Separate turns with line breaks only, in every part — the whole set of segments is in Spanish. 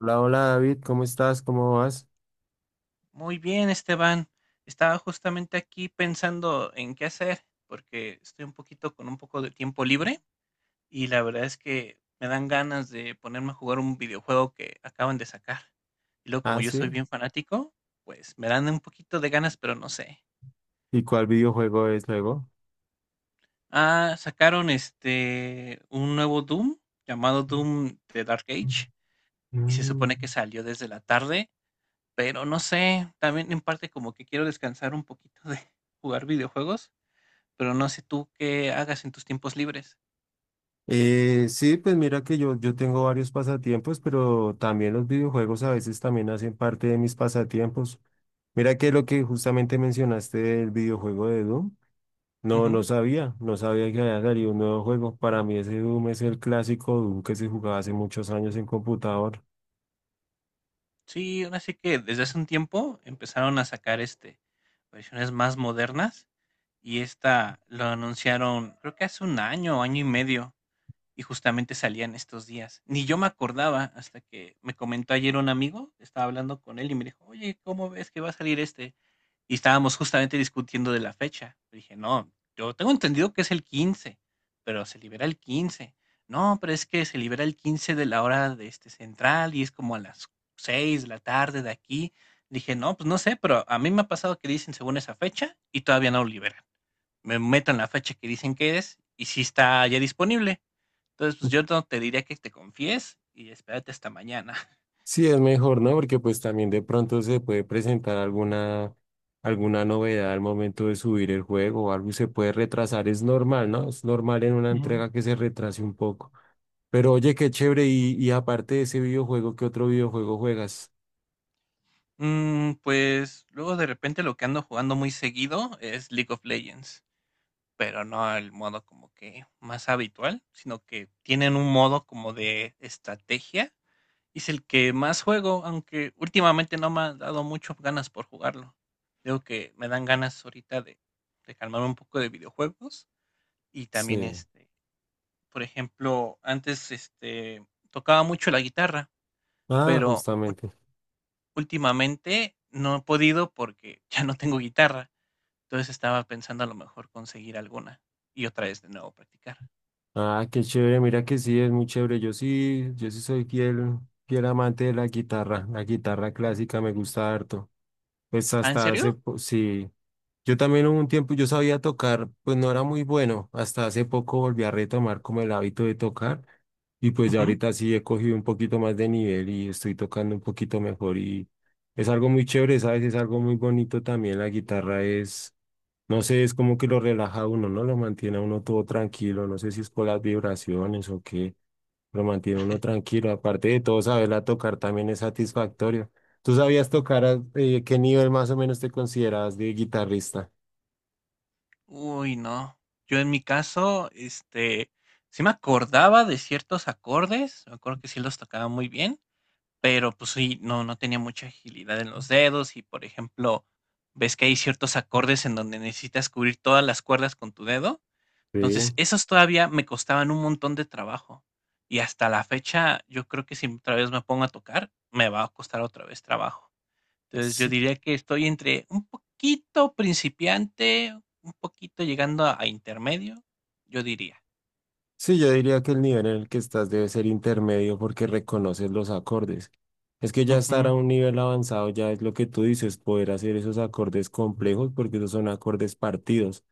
Hola, hola David, ¿cómo estás? ¿Cómo vas?
Muy bien, Esteban. Estaba justamente aquí pensando en qué hacer, porque estoy un poquito con un poco de tiempo libre y la verdad es que me dan ganas de ponerme a jugar un videojuego que acaban de sacar. Y luego, como
Ah,
yo soy
sí.
bien fanático, pues me dan un poquito de ganas, pero no sé.
¿Y cuál videojuego es luego?
Ah, sacaron un nuevo Doom llamado Doom The Dark Age y se supone que
Mm.
salió desde la tarde, pero no sé, también en parte como que quiero descansar un poquito de jugar videojuegos. Pero no sé tú qué hagas en tus tiempos libres.
Sí, pues mira que yo tengo varios pasatiempos, pero también los videojuegos a veces también hacen parte de mis pasatiempos. Mira que lo que justamente mencionaste del videojuego de Doom, no
Ujú.
sabía, no sabía que había salido un nuevo juego. Para mí ese Doom es el clásico Doom que se jugaba hace muchos años en computador.
Sí, ahora sí que desde hace un tiempo empezaron a sacar, versiones más modernas, y esta lo anunciaron, creo que hace un año, año y medio. Y justamente salían estos días. Ni yo me acordaba hasta que me comentó ayer un amigo, estaba hablando con él y me dijo, oye, ¿cómo ves que va a salir este? Y estábamos justamente discutiendo de la fecha. Le dije, no, yo tengo entendido que es el 15, pero se libera el 15. No, pero es que se libera el 15 de la hora de este central y es como a las 6 de la tarde de aquí. Dije, no, pues no sé, pero a mí me ha pasado que dicen según esa fecha y todavía no lo liberan. Me meto en la fecha que dicen que es y si está ya disponible. Entonces, pues, yo no te diría que te confíes y espérate hasta mañana.
Sí, es mejor, ¿no? Porque pues también de pronto se puede presentar alguna novedad al momento de subir el juego o algo y se puede retrasar. Es normal, ¿no? Es normal en una
Ujú.
entrega que se retrase un poco. Pero oye, qué chévere. Y aparte de ese videojuego, ¿qué otro videojuego juegas?
Mm, pues, luego de repente lo que ando jugando muy seguido es League of Legends, pero no el modo como que más habitual, sino que tienen un modo como de estrategia. Y es el que más juego, aunque últimamente no me ha dado mucho ganas por jugarlo. Digo que me dan ganas ahorita de calmar un poco de videojuegos. Y también
Sí.
por ejemplo, antes tocaba mucho la guitarra.
Ah,
Pero
justamente.
últimamente no he podido porque ya no tengo guitarra. Entonces estaba pensando a lo mejor conseguir alguna y otra vez de nuevo practicar.
Ah, qué chévere. Mira que sí, es muy chévere. Yo sí soy fiel, fiel amante de la guitarra. La guitarra clásica me gusta harto. Pues
¿Ah, en
hasta
serio?
sí. Yo también hubo un tiempo, yo sabía tocar, pues no era muy bueno. Hasta hace poco volví a retomar como el hábito de tocar y pues ya
Ujú.
ahorita sí he cogido un poquito más de nivel y estoy tocando un poquito mejor y es algo muy chévere, ¿sabes? Es algo muy bonito también. La guitarra es, no sé, es como que lo relaja a uno, ¿no? Lo mantiene a uno todo tranquilo. No sé si es por las vibraciones o qué, lo mantiene a uno tranquilo. Aparte de todo, saberla tocar también es satisfactorio. ¿Tú sabías tocar a qué nivel más o menos te consideras de guitarrista?
Uy, no. Yo en mi caso, sí me acordaba de ciertos acordes, me acuerdo que sí los tocaba muy bien, pero pues sí, no tenía mucha agilidad en los dedos y, por ejemplo, ves que hay ciertos acordes en donde necesitas cubrir todas las cuerdas con tu dedo.
Sí.
Entonces, esas todavía me costaban un montón de trabajo. Y hasta la fecha, yo creo que si otra vez me pongo a tocar, me va a costar otra vez trabajo. Entonces, yo
Sí,
diría que estoy entre un poquito principiante, un poquito llegando a intermedio, yo diría.
sí, yo diría que el nivel en el que estás debe ser intermedio porque reconoces los acordes. Es que ya estar a un nivel avanzado ya es lo que tú dices, poder hacer esos acordes complejos porque esos son acordes partidos.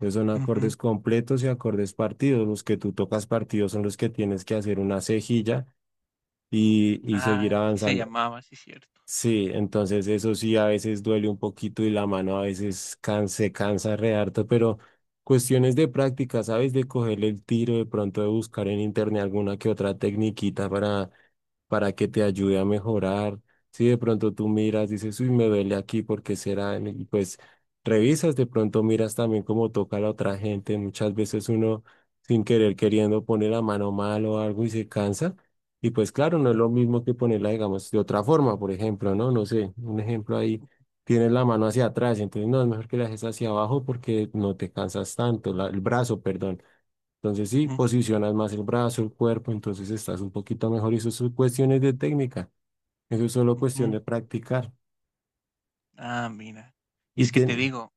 Esos son
Ujú, ujú.
acordes completos y acordes partidos. Los que tú tocas partidos son los que tienes que hacer una cejilla y seguir
Ah, sí se
avanzando.
llamaba, sí es cierto.
Sí, entonces eso sí a veces duele un poquito y la mano a se cansa re harto, pero cuestiones de práctica, ¿sabes? De cogerle el tiro, de pronto de buscar en internet alguna que otra tecniquita para que te ayude a mejorar. Si de pronto tú miras, dices, uy, me duele aquí, ¿porque será? Y pues revisas, de pronto miras también cómo toca la otra gente. Muchas veces uno sin querer queriendo pone la mano mal o algo y se cansa. Y pues claro, no es lo mismo que ponerla, digamos, de otra forma, por ejemplo, ¿no? No sé, un ejemplo ahí, tienes la mano hacia atrás, entonces no, es mejor que la dejes hacia abajo porque no te cansas tanto, el brazo, perdón. Entonces sí,
Ujú,
posicionas más el brazo, el cuerpo, entonces estás un poquito mejor y eso son cuestiones de técnica, eso es solo cuestión
ujú.
de practicar.
Ah, mira. Y
Y
es que te
tiene...
digo,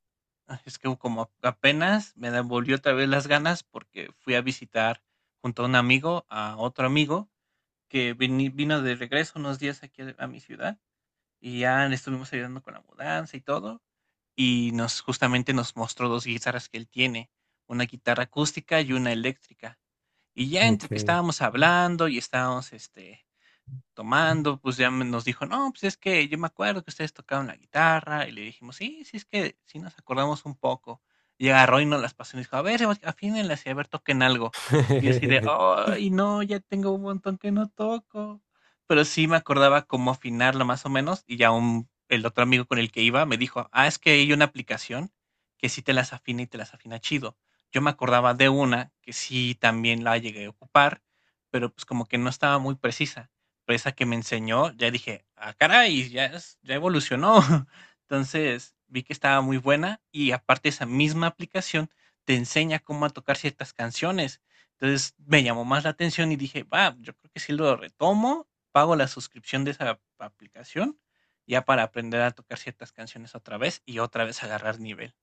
ah, es que como apenas me devolvió otra vez las ganas porque fui a visitar junto a un amigo, a otro amigo, que vini vino de regreso unos días aquí a mi ciudad, y ya le estuvimos ayudando con la mudanza y todo, y nos justamente nos mostró 2 guitarras que él tiene, una guitarra acústica y una eléctrica. Y ya entre
Ok.
que estábamos hablando y estábamos, tomando, pues, ya me nos dijo: "No, pues, es que yo me acuerdo que ustedes tocaban la guitarra", y le dijimos: "Sí, sí, es que sí nos acordamos un poco", y agarró y nos las pasó y nos dijo: "A ver, afínenlas y a ver, toquen algo", y yo así de: "Ay, no, ya tengo un montón que no toco", pero sí me acordaba cómo afinarla más o menos, y ya un el otro amigo con el que iba me dijo: "Ah, es que hay una aplicación que sí te las afina y te las afina chido", yo me acordaba de una que sí también la llegué a ocupar, pero, pues, como que no estaba muy precisa. Esa que me enseñó, ya dije: "Ah, caray, ya evolucionó". Entonces, vi que estaba muy buena y aparte esa misma aplicación te enseña cómo a tocar ciertas canciones. Entonces, me llamó más la atención y dije: "Va, yo creo que si lo retomo, pago la suscripción de esa aplicación, ya para aprender a tocar ciertas canciones otra vez y otra vez agarrar nivel".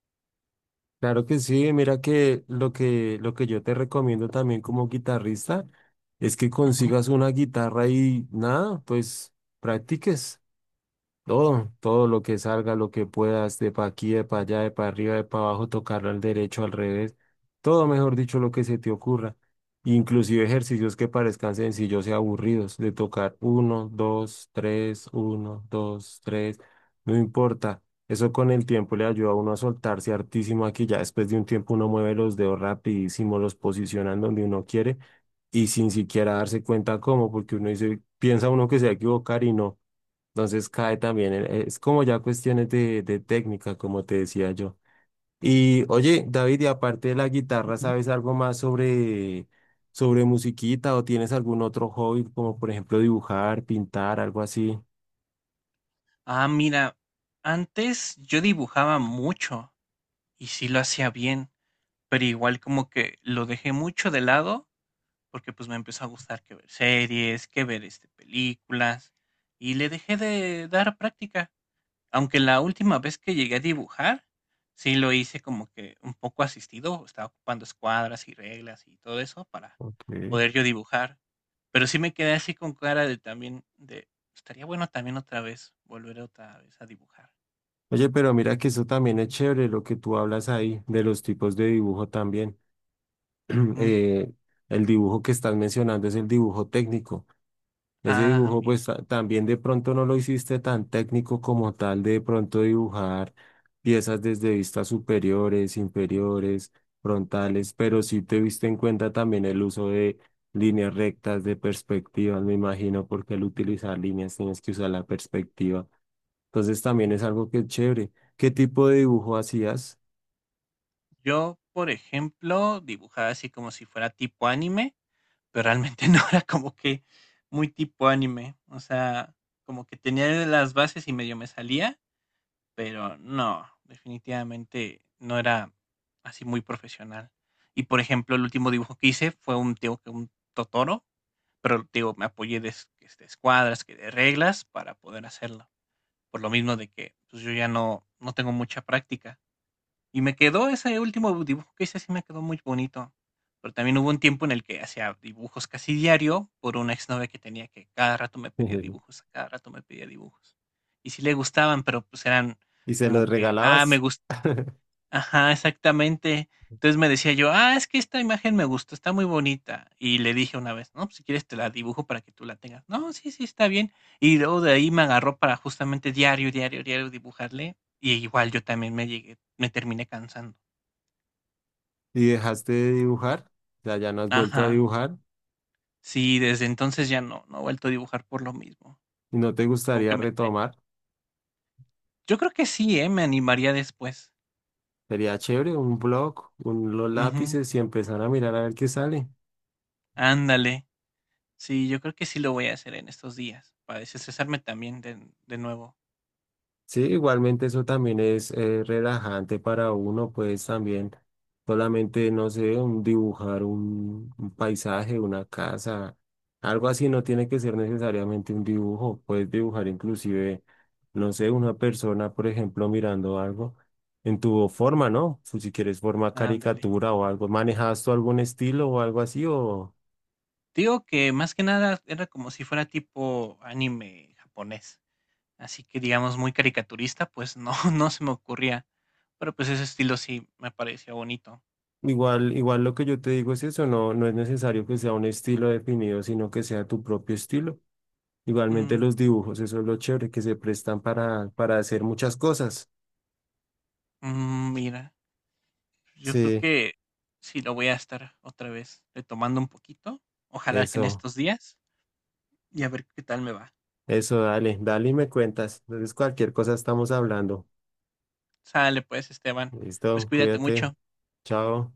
Claro que sí, mira que lo que yo te recomiendo también como guitarrista es que
Ujú,
consigas una guitarra y nada, pues practiques. Todo lo que salga, lo que puedas, de pa' aquí, de pa' allá, de pa' arriba, de pa' abajo, tocarlo al derecho, al revés, todo mejor dicho, lo que se te ocurra. Inclusive ejercicios que parezcan sencillos y aburridos, de tocar uno, dos, tres, uno, dos, tres, no importa. Eso con el tiempo le ayuda a uno a soltarse hartísimo aquí, ya después de un tiempo uno mueve los dedos rapidísimo, los posicionan donde uno quiere y sin siquiera darse cuenta cómo, porque uno dice, piensa uno que se va a equivocar y no. Entonces cae también, es como ya cuestiones de técnica, como te decía yo. Y oye, David, y aparte de la guitarra,
ujú.
¿sabes algo más sobre musiquita o tienes algún otro hobby, como por ejemplo dibujar, pintar, algo así?
Ah, mira, antes yo dibujaba mucho y sí lo hacía bien. Pero igual como que lo dejé mucho de lado, porque pues me empezó a gustar que ver series, que ver películas, y le dejé de dar práctica. Aunque la última vez que llegué a dibujar, sí lo hice como que un poco asistido, estaba ocupando escuadras y reglas y todo eso para
Ok.
poder yo dibujar. Pero sí me quedé así con cara de también, de, estaría bueno también otra vez, volver otra vez a dibujar.
Oye, pero mira que eso también es chévere lo que tú hablas ahí, de los tipos de dibujo también.
Ujú.
Eh, el dibujo que estás mencionando es el dibujo técnico. Ese
Ah,
dibujo,
mira.
pues también de pronto no lo hiciste tan técnico como tal, de pronto dibujar piezas desde vistas superiores, inferiores, frontales, pero sí te viste en cuenta también el uso de líneas rectas, de perspectivas, me imagino, porque al utilizar líneas tienes que usar la perspectiva. Entonces también es algo que es chévere. ¿Qué tipo de dibujo hacías?
Yo, por ejemplo, dibujaba así como si fuera tipo anime, pero realmente no era como que muy tipo anime. O sea, como que tenía las bases y medio me salía, pero no, definitivamente no era así muy profesional. Y, por ejemplo, el último dibujo que hice fue un, digo que un Totoro, pero digo, me apoyé de, escuadras, que de reglas para poder hacerlo. Por lo mismo de que pues, yo ya no tengo mucha práctica. Y me quedó ese último dibujo que hice, sí me quedó muy bonito. Pero también hubo un tiempo en el que hacía dibujos casi diario por una exnovia que tenía que cada rato me pedía dibujos, cada rato me pedía dibujos. Y sí le gustaban, pero pues eran
¿Y se los
como que, ah, me
regalabas
gusta, ajá, exactamente. Entonces me decía yo, ah, es que esta imagen me gustó, está muy bonita. Y le dije una vez, no, pues si quieres te la dibujo para que tú la tengas. No, sí, sí, está bien. Y luego de ahí me agarró para justamente diario, diario, diario dibujarle. Y igual yo también me llegué, me terminé cansando.
y dejaste de dibujar? O sea, ya no has vuelto a
Ajá.
dibujar
Sí, desde entonces ya no he vuelto a dibujar por lo mismo.
y no te
Como
gustaría
que me te-
retomar.
Yo creo que sí, ¿eh? Me animaría después.
Sería chévere un blog, un, los
Ujú.
lápices y empezar a mirar a ver qué sale.
Ándale. Sí, yo creo que sí lo voy a hacer en estos días, para desestresarme también de nuevo.
Sí, igualmente eso también es relajante para uno, pues también solamente, no sé, un dibujar un paisaje, una casa, algo así no tiene que ser necesariamente un dibujo, puedes dibujar inclusive, no sé, una persona, por ejemplo, mirando algo en tu forma, ¿no? Si quieres forma
Ándale.
caricatura o algo, ¿manejas tú algún estilo o algo así o...
Digo que más que nada era como si fuera tipo anime japonés. Así que digamos muy caricaturista, pues no, no se me ocurría. Pero pues ese estilo sí me parecía bonito.
Igual, igual lo que yo te digo es eso, no, no es necesario que sea un estilo definido, sino que sea tu propio estilo. Igualmente
Mm,
los dibujos, eso es lo chévere, que se prestan para hacer muchas cosas.
mm, mira. Yo creo
Sí,
que sí lo voy a estar otra vez retomando un poquito. Ojalá que en
eso,
estos días y a ver qué tal me va.
eso, dale, dale y me cuentas. Entonces cualquier cosa estamos hablando.
Sale pues, Esteban. Pues
Listo,
cuídate
cuídate.
mucho.
Chao.